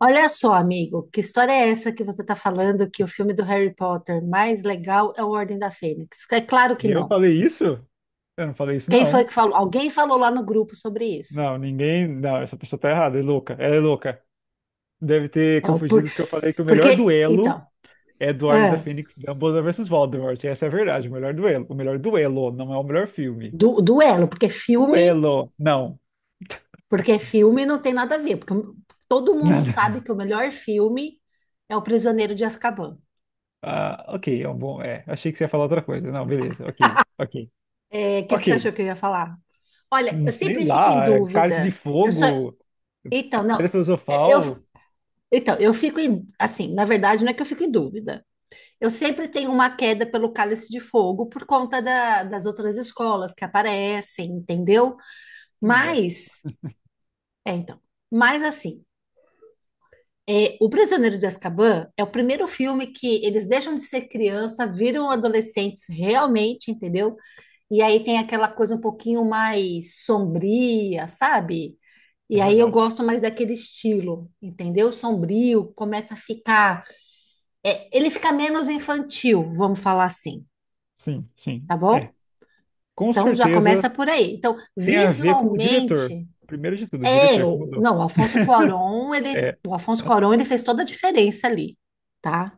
Olha só, amigo, que história é essa que você está falando que o filme do Harry Potter mais legal é o Ordem da Fênix? É claro que Eu não. falei isso? Eu não falei isso, Quem foi não. que falou? Alguém falou lá no grupo sobre isso. Não, ninguém. Não, essa pessoa tá errada, é louca. Ela é louca. Deve ter É o por... confundido porque eu falei que o Porque, melhor então, duelo é do Ordem da é, Fênix, Dumbledore versus Voldemort. Essa é a verdade, o melhor duelo. O melhor duelo, não é o melhor filme. Duelo, porque filme, Duelo, não. porque filme não tem nada a ver, porque todo mundo sabe Nada. que o melhor filme é O Prisioneiro de Azkaban. Ah, ok, é um bom. É, achei que você ia falar outra coisa. Não, beleza, ok, ok, O que que você achou ok. que eu ia falar? Olha, eu sei sempre fico em lá, é Cálice de dúvida. Eu só. Fogo, Então, Pedra não. Eu, Filosofal, Então, eu fico em, assim, na verdade, não é que eu fico em dúvida. Eu sempre tenho uma queda pelo Cálice de Fogo por conta das outras escolas que aparecem, entendeu? também gosto. Mas, então, mas assim, O Prisioneiro de Azkaban é o primeiro filme que eles deixam de ser criança, viram adolescentes realmente, entendeu? E aí tem aquela coisa um pouquinho mais sombria, sabe? É E aí eu verdade. gosto mais daquele estilo, entendeu? Sombrio, começa a ficar ele fica menos infantil, vamos falar assim, Sim, sim. tá É. bom? Com Então já certeza começa por aí. Então, tem a ver com o diretor. visualmente, Primeiro de tudo, o diretor que mudou. não, o Alfonso Cuarón, ele, É, o Alfonso Cuarón, ele fez toda a diferença ali, tá?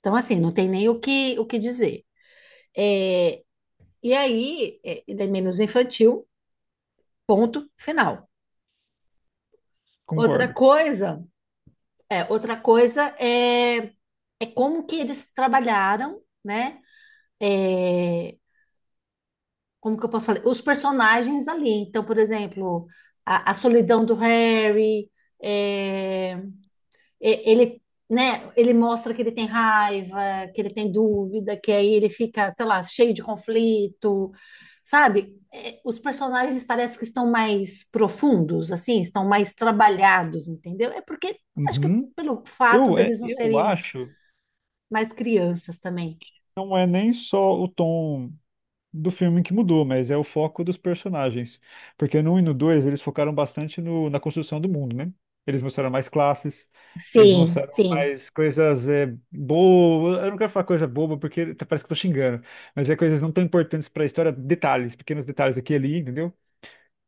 Então, assim, não tem nem o que dizer. É, e aí, ele é menos infantil, ponto final. Outra concordo. coisa, outra coisa é como que eles trabalharam, né? É, Como que eu posso falar? Os personagens ali. Então, por exemplo, a solidão do Harry, é, ele, né, ele mostra que ele tem raiva, que ele tem dúvida, que aí ele fica, sei lá, cheio de conflito, sabe? Os personagens parece que estão mais profundos, assim, estão mais trabalhados, entendeu? Porque acho que Uhum. pelo fato Eu, é, deles não eu serem acho que mais crianças também. não é nem só o tom do filme que mudou, mas é o foco dos personagens. Porque no um e no 2 eles focaram bastante na construção do mundo, né? Eles mostraram mais classes, eles Sim, mostraram sim. mais coisas boas. Eu não quero falar coisa boba porque parece que eu tô xingando, mas é coisas não tão importantes para a história, detalhes, pequenos detalhes aqui e ali, entendeu?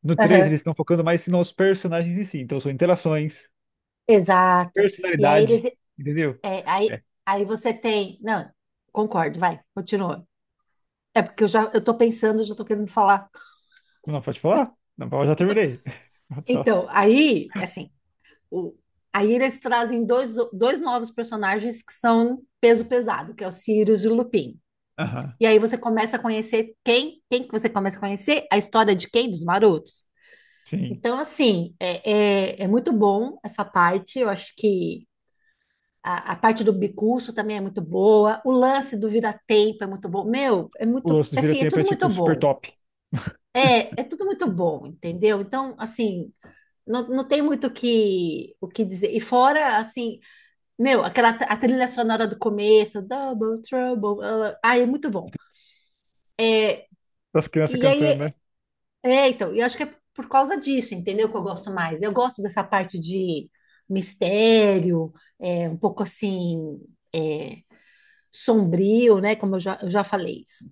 No três Aham, eles estão focando mais nos personagens em si. Então, são interações, exato. E aí eles, personalidade, entendeu? É, aí, É. aí você tem. Não, concordo, vai, continua. É porque eu já eu tô pensando, já tô querendo falar. Não, pode falar? Não, eu já terminei. Pode falar. Então, aí, assim, o, aí eles trazem dois novos personagens que são peso pesado, que é o Sirius e o Lupin. Aham. E aí você começa a conhecer quem que você começa a conhecer? A história de quem? Dos marotos. Sim. Então, assim, é muito bom essa parte. Eu acho que a parte do bicurso também é muito boa. O lance do vira-tempo é muito bom. Meu, é O muito, lance do assim, é vira-tempo é, tudo muito tipo, super bom. top. É, é tudo muito bom, entendeu? Então, assim, não tem muito o que dizer. E fora, assim, meu, a trilha sonora do começo, Double Trouble, ah, ah, é muito bom. Das crianças E cantando, aí, né? Então, eu acho que é por causa disso, entendeu? Que eu gosto mais. Eu gosto dessa parte de mistério, um pouco assim, é, sombrio, né? Como eu já falei isso.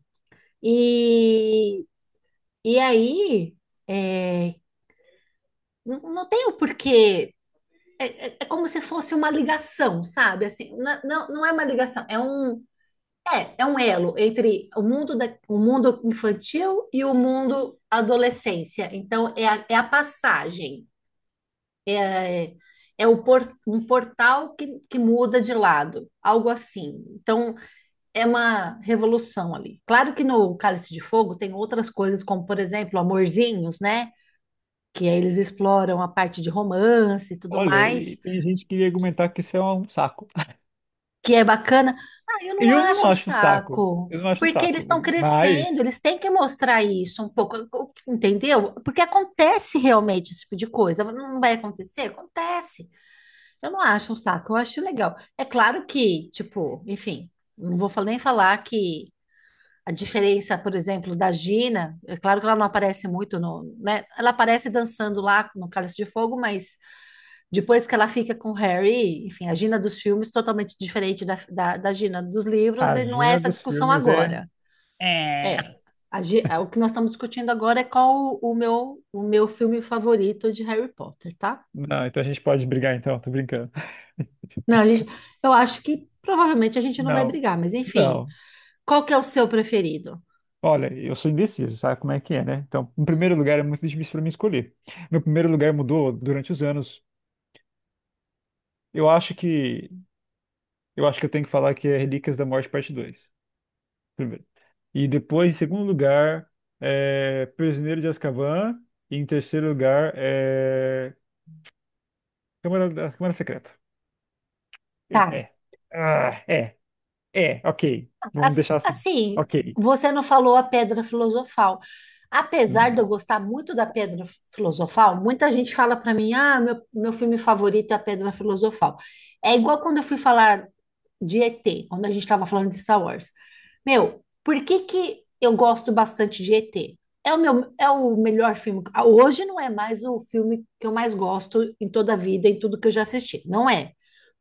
E, e aí, é, não tem o porquê. É como se fosse uma ligação, sabe? Assim, não, não é uma ligação, é um elo entre o mundo, o mundo infantil e o mundo adolescência. Então, é a passagem, é, um portal que muda de lado, algo assim. Então, é uma revolução ali. Claro que no Cálice de Fogo tem outras coisas, como, por exemplo, Amorzinhos, né? Que aí eles exploram a parte de romance e tudo Olha, mais, e tem gente que ia argumentar que isso é um saco. que é bacana. Ah, eu não Eu não acho um acho um saco. saco, Eu não acho um porque eles saco. estão Mas crescendo, eles têm que mostrar isso um pouco, entendeu? Porque acontece realmente esse tipo de coisa. Não vai acontecer? Acontece. Eu não acho um saco, eu acho legal. É claro que, tipo, enfim, não vou nem falar que a diferença, por exemplo, da Gina, é claro que ela não aparece muito no, né? Ela aparece dançando lá no Cálice de Fogo, mas depois que ela fica com o Harry, enfim, a Gina dos filmes totalmente diferente da Gina dos a livros, e não é agenda essa dos discussão filmes é... agora. É, É. O que nós estamos discutindo agora é qual o meu filme favorito de Harry Potter, tá? Não, então a gente pode brigar, então. Tô brincando. Não, eu acho que provavelmente a gente não vai Não. brigar, mas enfim, Não. qual que é o seu preferido? Olha, eu sou indeciso, sabe como é que é, né? Então, em primeiro lugar, é muito difícil para mim escolher. Meu primeiro lugar mudou durante os anos. Eu acho que eu acho que eu tenho que falar que é Relíquias da Morte Parte dois. Primeiro. E depois, em segundo lugar, é Prisioneiro de Azkaban, e em terceiro lugar é Câmara Secreta. Eu Tá, é. Ah, é. É, ok. Vamos Ass- deixar assim. Assim, Ok. você não falou a Pedra Filosofal. Apesar de eu Não. gostar muito da Pedra Filosofal, muita gente fala para mim: ah, meu filme favorito é a Pedra Filosofal. É igual quando eu fui falar de ET, quando a gente estava falando de Star Wars. Meu, por que que eu gosto bastante de ET? É o meu, é o melhor filme. Ah, hoje não é mais o filme que eu mais gosto em toda a vida, em tudo que eu já assisti. Não é.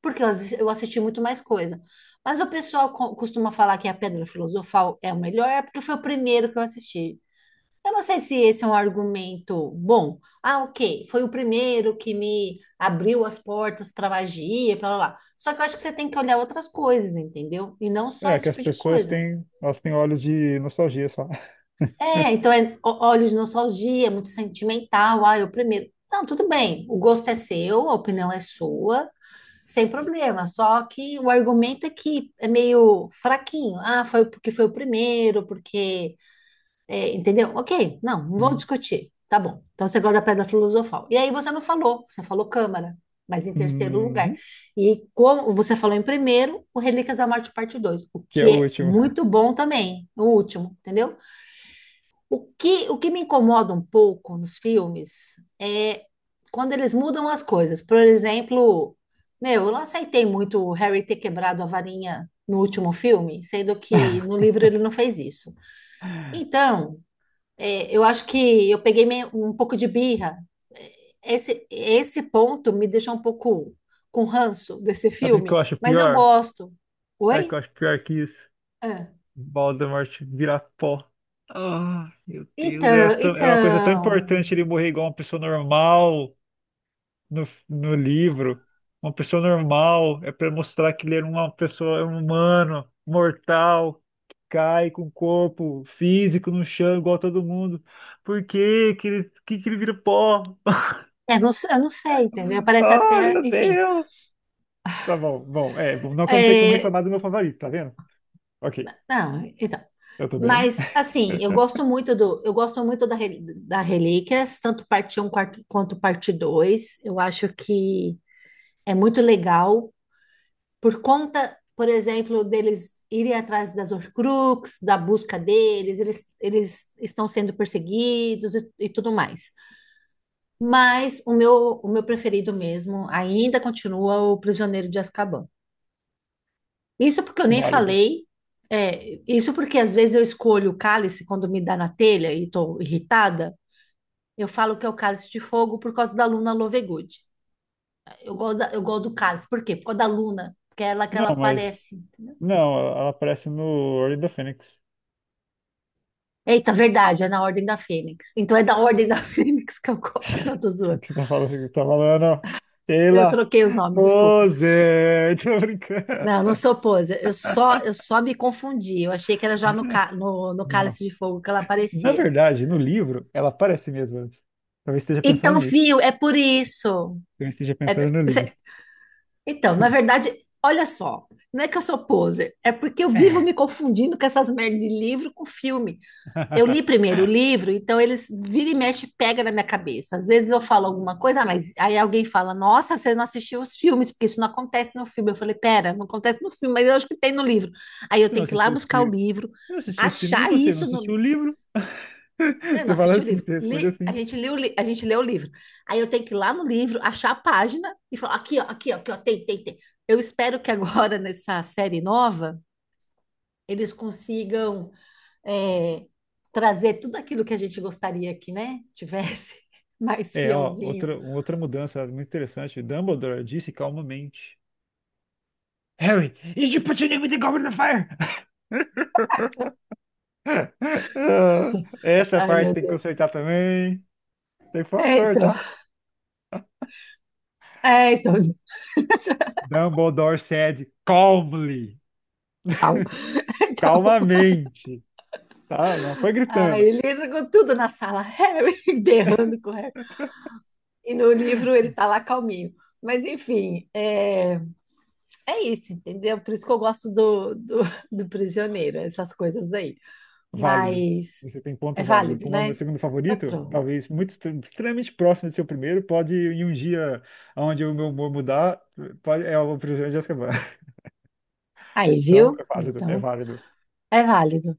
Porque eu assisti muito mais coisa. Mas o pessoal costuma falar que é a Pedra Filosofal é o melhor, porque foi o primeiro que eu assisti. Eu não sei se esse é um argumento bom. Ah, ok, foi o primeiro que me abriu as portas para magia, para lá. Lá. Só que eu acho que você tem que olhar outras coisas, entendeu? E não só É esse que tipo de coisa. Elas têm olhos de nostalgia só. Então é olhos de nostalgia, é muito sentimental. Ah, eu primeiro. Não, tudo bem. O gosto é seu, a opinião é sua, sem problema. Só que o argumento é que é meio fraquinho. Ah, foi porque foi o primeiro, entendeu? Ok, não vou Hum. discutir. Tá bom. Então você gosta da Pedra Filosofal. E aí você não falou, você falou Câmara, mas em terceiro lugar. Uhum. E como você falou em primeiro, o Relíquias da Morte parte 2, o Que é que o é último. muito bom também, o último, entendeu? O que me incomoda um pouco nos filmes é quando eles mudam as coisas. Por exemplo, meu, eu não aceitei muito o Harry ter quebrado a varinha no último filme, sendo que no livro ele não fez isso. Então, eu acho que eu peguei um pouco de birra. Esse ponto me deixou um pouco com ranço desse Sabe o que filme, eu acho mas eu pior? gosto. Sabe o que Oi? eu acho pior que isso? Ah. Voldemort virar pó. Ah, meu Deus, Então, era uma coisa tão então. importante ele morrer igual uma pessoa normal no livro. Uma pessoa normal é pra mostrar que ele era uma pessoa é um humano, mortal, que cai com o corpo físico no chão igual todo mundo. Por que que ele vira pó? Não, eu não sei, entendeu? Parece Ah, até, meu enfim. Deus! Tá bom, bom, é, bom, não que eu não tenha como É, reclamar do meu favorito, tá vendo? Ok, não, então. eu tô bem. Mas assim, eu gosto muito da Relíquias, tanto parte Um quanto parte 2. Eu acho que é muito legal. Por conta, por exemplo, deles irem atrás das Horcrux, da busca deles, eles estão sendo perseguidos e tudo mais. Mas o meu preferido mesmo ainda continua o Prisioneiro de Azkaban. Isso porque eu nem Válido. falei, isso porque às vezes eu escolho o cálice quando me dá na telha e estou irritada. Eu falo que é o Cálice de Fogo por causa da Luna Lovegood. Eu gosto, eu gosto do cálice. Por quê? Por causa da Luna, porque é ela que Não, ela mas. aparece. Entendeu? Não, ela aparece no Ordem da Fênix. Eita, verdade, é na Ordem da Fênix. Então é da Ordem da Fênix que eu gosto, não tô O zoando. que você tá falando? O que você tá falando? Eu Sheila! troquei os nomes, desculpa. Pose! Tô brincando. Não, eu não sou poser, eu só me confundi. Eu achei que era já no Não. Cálice de Fogo que ela Na aparecia. verdade, no livro, ela aparece mesmo antes. Talvez esteja pensando Então, nisso. viu, é por isso. Talvez esteja pensando É- no você- livro. então, na verdade, olha só, não é que eu sou poser, é porque eu vivo me confundindo com essas merdas de livro com filme. Eu li primeiro o livro, então eles vira e mexe, pega na minha cabeça. Às vezes eu falo alguma coisa, ah, mas aí alguém fala: Nossa, você não assistiu os filmes, porque isso não acontece no filme. Eu falei: Pera, não acontece no filme, mas eu acho que tem no livro. Aí eu Você não tenho que ir lá assistiu esse buscar o filme? livro, Você não assistiu esse filme e achar você não isso assistiu no. o livro? Eu não Você fala assisti o assim, livro. você responde Li- a assim. gente leu, o li- a gente leu o livro. Aí eu tenho que ir lá no livro, achar a página e falar: Aqui, ó, aqui, ó, aqui, ó, tem, tem, tem. Eu espero que agora nessa série nova eles consigam é, trazer tudo aquilo que a gente gostaria que, né, tivesse mais É, ó, fielzinho. Outra mudança muito interessante. Dumbledore disse calmamente. Harry, is you put your name with the goblin in the goblet of fire? Ah, essa Ai, parte meu tem que Deus. consertar também. Tem que foi o É, ator, então, tá? então, Dumbledore said calmly, calma. Então, calmamente, tá? Não foi aí gritando. ele entra com tudo na sala, Harry berrando com o Harry. E no livro ele tá lá calminho. Mas enfim, é isso, entendeu? Por isso que eu gosto do Prisioneiro, essas coisas aí. Válido. Mas Você tem é ponto válido. válido, Como é o meu né? segundo Então favorito, pronto. talvez muito extremamente próximo do seu primeiro, pode em um dia onde o meu humor mudar, pode, é o Prisioneiro de Azkaban. Aí, Então, viu? é válido, é Então, válido. é válido.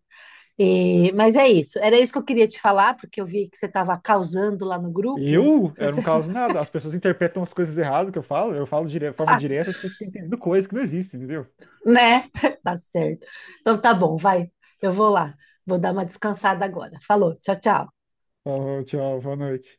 Mas é isso. Era isso que eu queria te falar, porque eu vi que você estava causando lá no grupo. Eu, eu Você não fala, causo nada. As pessoas interpretam as coisas erradas que eu falo. Eu falo de forma "Ah, direta, as pessoas ficam entendendo coisas que não existem, entendeu? né? Tá certo. Então tá bom, vai. Eu vou lá. Vou dar uma descansada agora. Falou, tchau, tchau. Falou, tchau, boa noite.